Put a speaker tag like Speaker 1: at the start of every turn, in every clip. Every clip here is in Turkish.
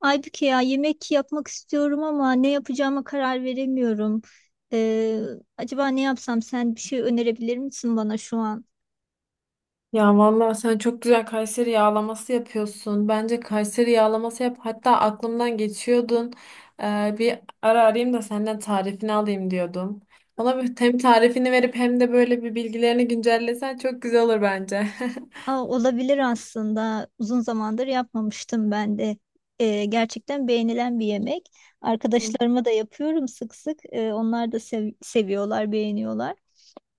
Speaker 1: Aybüke ya yemek yapmak istiyorum ama ne yapacağıma karar veremiyorum. Ee, Acaba ne yapsam, sen bir şey önerebilir misin bana şu an?
Speaker 2: Ya vallahi sen çok güzel Kayseri yağlaması yapıyorsun. Bence Kayseri yağlaması yap. Hatta aklımdan geçiyordun. Bir ara arayayım da senden tarifini alayım diyordum. Ona bir hem tarifini verip hem de böyle bir bilgilerini güncellesen çok güzel olur bence.
Speaker 1: Aa, olabilir aslında. Uzun zamandır yapmamıştım ben de. Gerçekten beğenilen bir yemek.
Speaker 2: Hı.
Speaker 1: Arkadaşlarıma da yapıyorum sık sık. Onlar da seviyorlar, beğeniyorlar.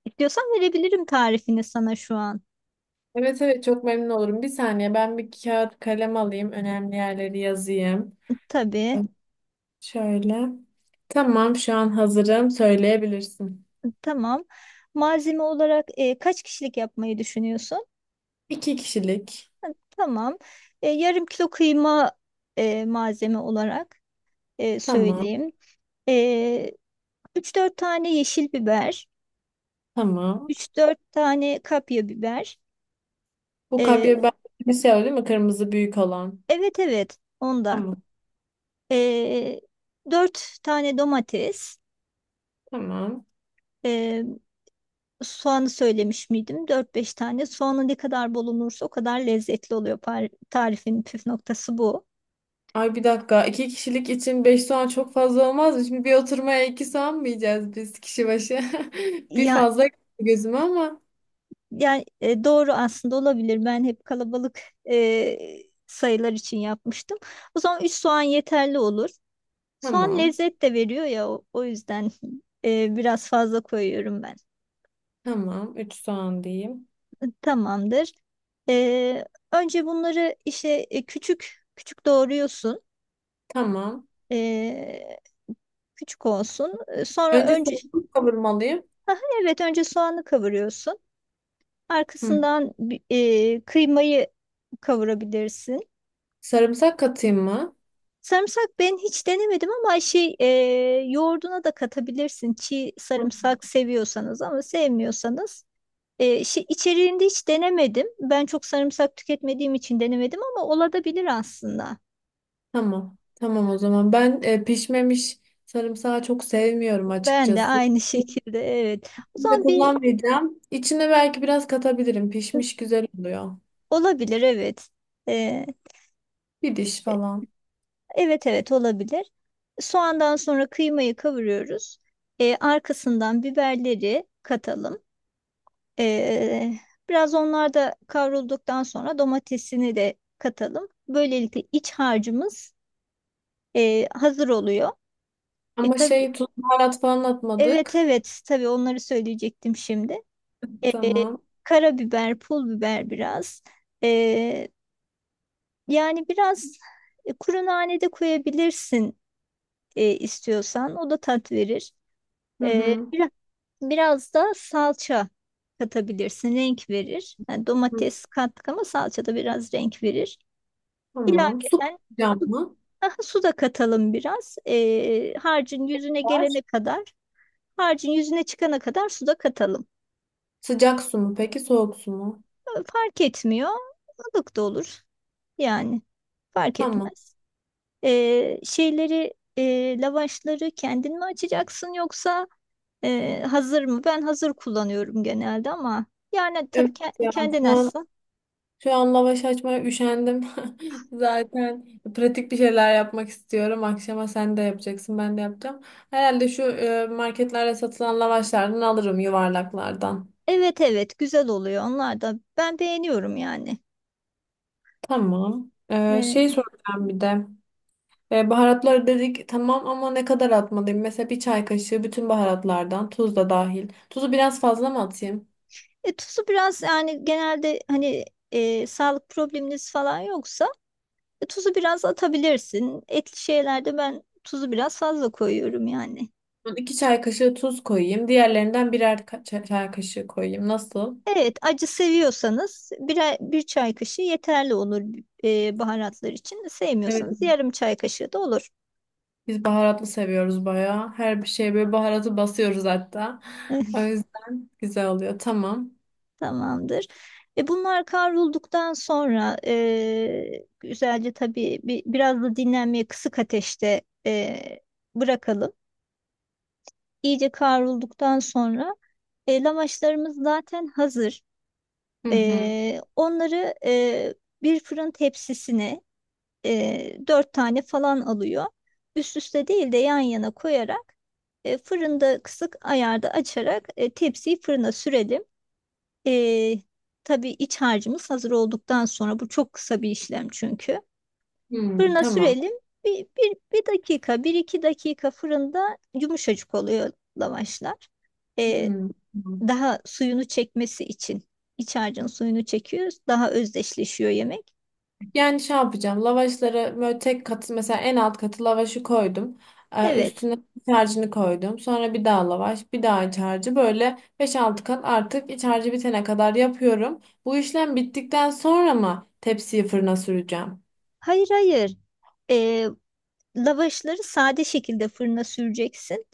Speaker 1: İstiyorsan verebilirim tarifini sana şu an.
Speaker 2: Evet evet, çok memnun olurum. Bir saniye, ben bir kağıt kalem alayım. Önemli yerleri yazayım.
Speaker 1: Tabii.
Speaker 2: Şöyle. Tamam, şu an hazırım. Söyleyebilirsin.
Speaker 1: Tamam. Malzeme olarak kaç kişilik yapmayı düşünüyorsun?
Speaker 2: İki kişilik.
Speaker 1: Tamam. Yarım kilo kıyma, malzeme olarak
Speaker 2: Tamam.
Speaker 1: söyleyeyim. E, 3-4 tane yeşil biber,
Speaker 2: Tamam.
Speaker 1: üç dört tane kapya biber.
Speaker 2: Bu
Speaker 1: E,
Speaker 2: kapya, ben şey var değil mi? Kırmızı büyük olan.
Speaker 1: evet, evet, ondan.
Speaker 2: Tamam.
Speaker 1: E, 4 tane domates.
Speaker 2: Tamam.
Speaker 1: E, Soğanı söylemiş miydim? Dört beş tane. Soğanı ne kadar bol olursa o kadar lezzetli oluyor. Tarifin püf noktası bu.
Speaker 2: Ay, bir dakika. İki kişilik için beş soğan çok fazla olmaz mı? Şimdi bir oturmaya iki soğan mı yiyeceğiz biz kişi başı? Bir
Speaker 1: Ya,
Speaker 2: fazla geldi gözüme ama.
Speaker 1: yani doğru, aslında olabilir. Ben hep kalabalık e, sayılar için yapmıştım. O zaman 3 soğan yeterli olur. Soğan
Speaker 2: Tamam.
Speaker 1: lezzet de veriyor ya, o yüzden biraz fazla koyuyorum ben.
Speaker 2: Tamam. Üç soğan diyeyim.
Speaker 1: Tamamdır. E, Önce bunları işte küçük küçük doğruyorsun.
Speaker 2: Tamam.
Speaker 1: E, Küçük olsun. Sonra
Speaker 2: Önce
Speaker 1: önce...
Speaker 2: sarımsak kavurmalıyım.
Speaker 1: Aha, evet, önce soğanı kavuruyorsun.
Speaker 2: Hı.
Speaker 1: Arkasından kıymayı kavurabilirsin.
Speaker 2: Sarımsak katayım mı?
Speaker 1: Sarımsak ben hiç denemedim ama şey, yoğurduna da katabilirsin çiğ
Speaker 2: Hı.
Speaker 1: sarımsak seviyorsanız, ama sevmiyorsanız şey, içeriğinde hiç denemedim. Ben çok sarımsak tüketmediğim için denemedim, ama olabilir aslında.
Speaker 2: Tamam. Tamam o zaman. Ben pişmemiş sarımsağı çok sevmiyorum
Speaker 1: Ben de
Speaker 2: açıkçası.
Speaker 1: aynı şekilde, evet. O
Speaker 2: De
Speaker 1: zaman bir
Speaker 2: kullanmayacağım. İçine belki biraz katabilirim. Pişmiş güzel oluyor.
Speaker 1: olabilir, evet. E,
Speaker 2: Bir diş falan.
Speaker 1: evet, evet, olabilir. Soğandan sonra kıymayı kavuruyoruz. Arkasından biberleri katalım. Ee, Biraz onlar da kavrulduktan sonra domatesini de katalım. Böylelikle iç harcımız hazır oluyor.
Speaker 2: Ama
Speaker 1: Tabii,
Speaker 2: şey, tuz baharat falan
Speaker 1: evet,
Speaker 2: atmadık.
Speaker 1: evet, tabii onları söyleyecektim şimdi. E,
Speaker 2: Tamam.
Speaker 1: Karabiber, pul biber biraz. E, Yani biraz kuru nane de koyabilirsin istiyorsan. O da tat verir.
Speaker 2: Hı
Speaker 1: E,
Speaker 2: hı.
Speaker 1: biraz, biraz da salça katabilirsin. Renk verir. Yani
Speaker 2: Hı,
Speaker 1: domates kattık ama salça da biraz renk verir.
Speaker 2: tamam. Su
Speaker 1: İlaveten
Speaker 2: katacağım
Speaker 1: su,
Speaker 2: mı?
Speaker 1: daha su da katalım biraz.
Speaker 2: Var.
Speaker 1: Harcın yüzüne çıkana kadar su da katalım.
Speaker 2: Sıcak su mu peki soğuk su mu?
Speaker 1: Fark etmiyor. Ilık da olur. Yani fark
Speaker 2: Tamam.
Speaker 1: etmez. Lavaşları kendin mi açacaksın, yoksa hazır mı? Ben hazır kullanıyorum genelde, ama yani tabii
Speaker 2: Evet ya,
Speaker 1: kendin
Speaker 2: şu an
Speaker 1: açsın.
Speaker 2: şu an lavaş açmaya üşendim. Zaten pratik bir şeyler yapmak istiyorum. Akşama sen de yapacaksın, ben de yapacağım. Herhalde şu marketlerde satılan lavaşlardan alırım, yuvarlaklardan.
Speaker 1: Evet, evet, güzel oluyor onlar da. Ben beğeniyorum yani.
Speaker 2: Tamam.
Speaker 1: Ee,
Speaker 2: Şey soracağım bir de. Baharatlar dedik tamam, ama ne kadar atmalıyım? Mesela bir çay kaşığı bütün baharatlardan, tuz da dahil. Tuzu biraz fazla mı atayım?
Speaker 1: Tuzu biraz, yani genelde hani sağlık probleminiz falan yoksa tuzu biraz atabilirsin. Etli şeylerde ben tuzu biraz fazla koyuyorum yani.
Speaker 2: Ben İki çay kaşığı tuz koyayım. Diğerlerinden birer çay kaşığı koyayım. Nasıl?
Speaker 1: Evet, acı seviyorsanız bir çay kaşığı yeterli olur baharatlar için.
Speaker 2: Evet.
Speaker 1: Sevmiyorsanız yarım çay kaşığı da olur.
Speaker 2: Biz baharatlı seviyoruz bayağı. Her bir şeye böyle baharatı basıyoruz hatta. O yüzden güzel oluyor. Tamam.
Speaker 1: Tamamdır. Bunlar kavrulduktan sonra güzelce tabii biraz da dinlenmeye kısık ateşte bırakalım. İyice kavrulduktan sonra lavaşlarımız zaten hazır.
Speaker 2: Hı hı.
Speaker 1: Onları bir fırın tepsisine dört tane falan alıyor. Üst üste değil de yan yana koyarak fırında kısık ayarda açarak tepsiyi fırına sürelim. E, tabii iç harcımız hazır olduktan sonra bu çok kısa bir işlem çünkü.
Speaker 2: Hı,
Speaker 1: Fırına
Speaker 2: tamam.
Speaker 1: sürelim. 1-2 dakika fırında yumuşacık oluyor lavaşlar. E,
Speaker 2: Hı.
Speaker 1: Daha suyunu çekmesi için. İç harcın suyunu çekiyor, daha özdeşleşiyor yemek.
Speaker 2: Yani şey yapacağım. Lavaşları böyle tek katı, mesela en alt katı lavaşı koydum.
Speaker 1: Evet.
Speaker 2: Üstüne iç harcını koydum. Sonra bir daha lavaş, bir daha iç harcı. Böyle beş altı kat, artık iç harcı bitene kadar yapıyorum. Bu işlem bittikten sonra mı tepsiyi fırına süreceğim?
Speaker 1: Hayır, hayır. Ee, Lavaşları sade şekilde fırına süreceksin.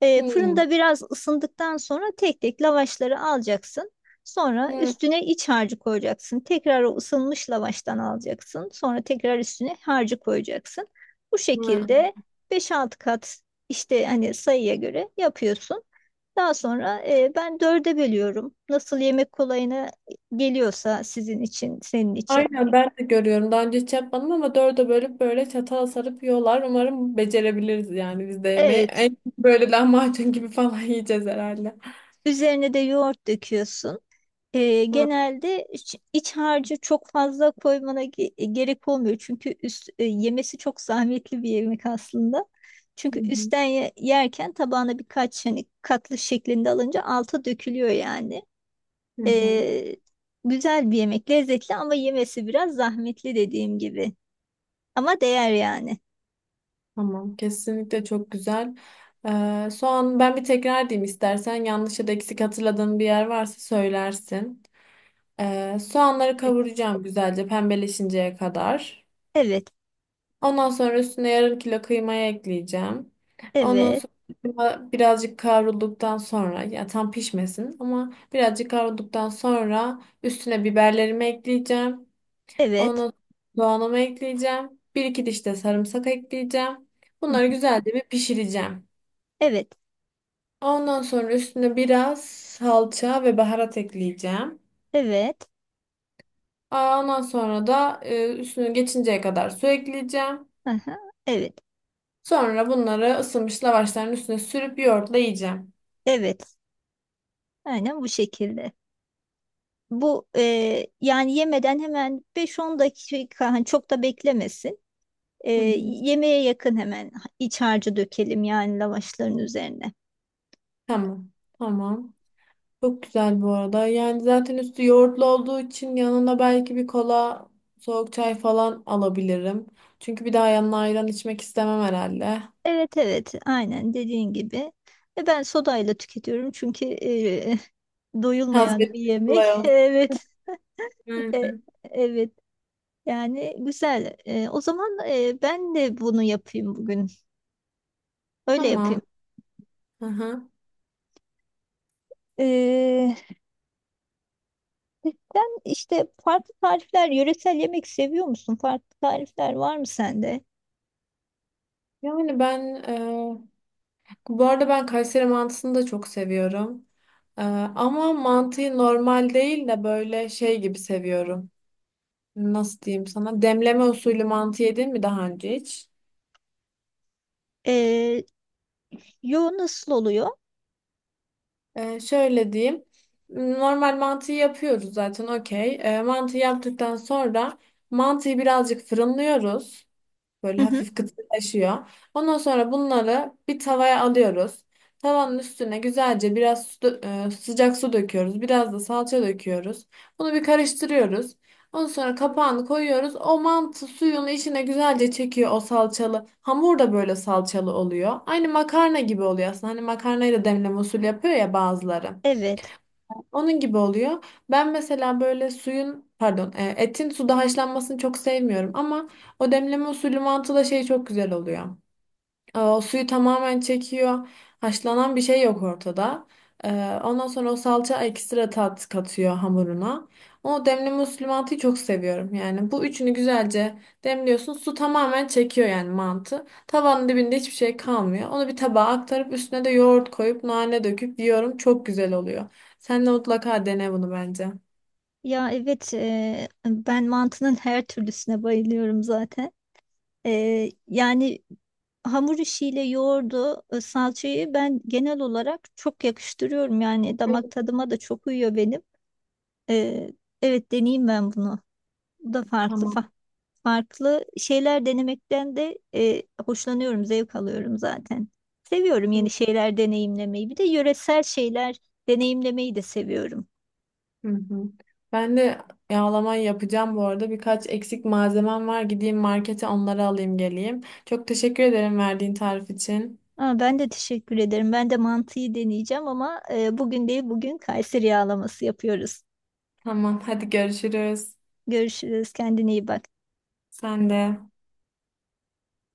Speaker 2: Hmm.
Speaker 1: Fırında biraz ısındıktan sonra tek tek lavaşları alacaksın. Sonra
Speaker 2: Hmm.
Speaker 1: üstüne iç harcı koyacaksın. Tekrar o ısınmış lavaştan alacaksın. Sonra tekrar üstüne harcı koyacaksın. Bu
Speaker 2: Hmm.
Speaker 1: şekilde 5-6 kat, işte hani sayıya göre yapıyorsun. Daha sonra ben dörde bölüyorum. Nasıl yemek kolayına geliyorsa sizin için, senin için.
Speaker 2: Aynen, ben de görüyorum. Daha önce hiç yapmadım ama dörde bölüp böyle çatala sarıp yiyorlar. Umarım becerebiliriz yani biz de yemeği.
Speaker 1: Evet,
Speaker 2: En böyle lahmacun gibi falan yiyeceğiz herhalde.
Speaker 1: üzerine de yoğurt döküyorsun.
Speaker 2: Hı
Speaker 1: Genelde iç harcı çok fazla koymana gerek olmuyor. Çünkü yemesi çok zahmetli bir yemek aslında. Çünkü
Speaker 2: hı.
Speaker 1: üstten yerken tabağına birkaç hani katlı şeklinde alınca alta dökülüyor yani.
Speaker 2: Hı hı.
Speaker 1: Ee, Güzel bir yemek, lezzetli, ama yemesi biraz zahmetli dediğim gibi. Ama değer yani.
Speaker 2: Tamam, kesinlikle çok güzel. Soğan, ben bir tekrar diyeyim, istersen yanlış ya da eksik hatırladığım bir yer varsa söylersin. Soğanları kavuracağım güzelce pembeleşinceye kadar.
Speaker 1: Evet,
Speaker 2: Ondan sonra üstüne yarım kilo kıymayı ekleyeceğim. Ondan
Speaker 1: evet,
Speaker 2: sonra kıyma birazcık kavrulduktan sonra, ya tam pişmesin ama birazcık kavrulduktan sonra, üstüne biberlerimi ekleyeceğim. Ondan
Speaker 1: evet,
Speaker 2: sonra soğanımı ekleyeceğim. Bir iki diş de sarımsak ekleyeceğim.
Speaker 1: hı
Speaker 2: Bunları
Speaker 1: hı,
Speaker 2: güzelce bir pişireceğim.
Speaker 1: evet,
Speaker 2: Ondan sonra üstüne biraz salça ve baharat ekleyeceğim.
Speaker 1: evet,
Speaker 2: Aa, ondan sonra da üstünü geçinceye kadar su ekleyeceğim.
Speaker 1: aha, evet,
Speaker 2: Sonra bunları ısınmış lavaşların üstüne sürüp yoğurtla yiyeceğim.
Speaker 1: evet. Aynen bu şekilde. Bu yani yemeden hemen 5-10 dakika hani çok da beklemesin. E,
Speaker 2: Hı hı.
Speaker 1: Yemeğe yakın hemen iç harcı dökelim yani lavaşların üzerine.
Speaker 2: Tamam. Tamam. Çok güzel bu arada. Yani zaten üstü yoğurtlu olduğu için yanına belki bir kola, soğuk çay falan alabilirim. Çünkü bir daha yanına ayran içmek istemem herhalde.
Speaker 1: Evet, evet, aynen dediğin gibi. Ve ben sodayla tüketiyorum, çünkü doyulmayan bir
Speaker 2: Hazreti
Speaker 1: yemek.
Speaker 2: kolay olsun.
Speaker 1: Evet, e,
Speaker 2: Aynen.
Speaker 1: evet, yani güzel. O zaman ben de bunu yapayım bugün. Öyle yapayım.
Speaker 2: Tamam. Aha.
Speaker 1: Ee, Sen işte farklı tarifler, yöresel yemek seviyor musun? Farklı tarifler var mı sende?
Speaker 2: Yani ben e, bu arada ben Kayseri mantısını da çok seviyorum. Ama mantıyı normal değil de böyle şey gibi seviyorum. Nasıl diyeyim sana? Demleme usulü mantı yedin mi daha önce hiç?
Speaker 1: Ee, Yo, nasıl oluyor?
Speaker 2: Şöyle diyeyim. Normal mantıyı yapıyoruz zaten, okey. Mantıyı yaptıktan sonra mantıyı birazcık fırınlıyoruz.
Speaker 1: Hı
Speaker 2: Böyle
Speaker 1: hı.
Speaker 2: hafif kıtırlaşıyor. Ondan sonra bunları bir tavaya alıyoruz. Tavanın üstüne güzelce biraz su sıcak su döküyoruz. Biraz da salça döküyoruz. Bunu bir karıştırıyoruz. Ondan sonra kapağını koyuyoruz. O mantı suyunu içine güzelce çekiyor, o salçalı. Hamur da böyle salçalı oluyor. Aynı makarna gibi oluyor aslında. Hani makarnayla demleme usulü yapıyor ya bazıları.
Speaker 1: Evet.
Speaker 2: Onun gibi oluyor. Ben mesela böyle suyun pardon etin suda haşlanmasını çok sevmiyorum, ama o demleme usulü mantıda şey çok güzel oluyor. O suyu tamamen çekiyor. Haşlanan bir şey yok ortada. E, Ondan sonra o salça ekstra tat katıyor hamuruna. O demli muslimatı çok seviyorum. Yani bu üçünü güzelce demliyorsun. Su tamamen çekiyor yani mantı. Tavanın dibinde hiçbir şey kalmıyor. Onu bir tabağa aktarıp üstüne de yoğurt koyup nane döküp yiyorum. Çok güzel oluyor. Sen de mutlaka dene bunu bence.
Speaker 1: Ya, evet, ben mantının her türlüsüne bayılıyorum zaten. Yani hamur işiyle yoğurdu, salçayı ben genel olarak çok yakıştırıyorum. Yani damak tadıma da çok uyuyor benim. Ee, evet, deneyeyim ben bunu. Bu da farklı
Speaker 2: Tamam.
Speaker 1: farklı şeyler denemekten de hoşlanıyorum, zevk alıyorum zaten. Seviyorum yeni şeyler deneyimlemeyi. Bir de yöresel şeyler deneyimlemeyi de seviyorum.
Speaker 2: Hı hı. Ben de yağlama yapacağım bu arada. Birkaç eksik malzemem var. Gideyim markete, onları alayım geleyim. Çok teşekkür ederim verdiğin tarif için.
Speaker 1: Aa, ben de teşekkür ederim. Ben de mantıyı deneyeceğim, ama bugün değil, bugün Kayseri yağlaması yapıyoruz.
Speaker 2: Tamam, hadi görüşürüz.
Speaker 1: Görüşürüz. Kendine iyi bak.
Speaker 2: Sen de.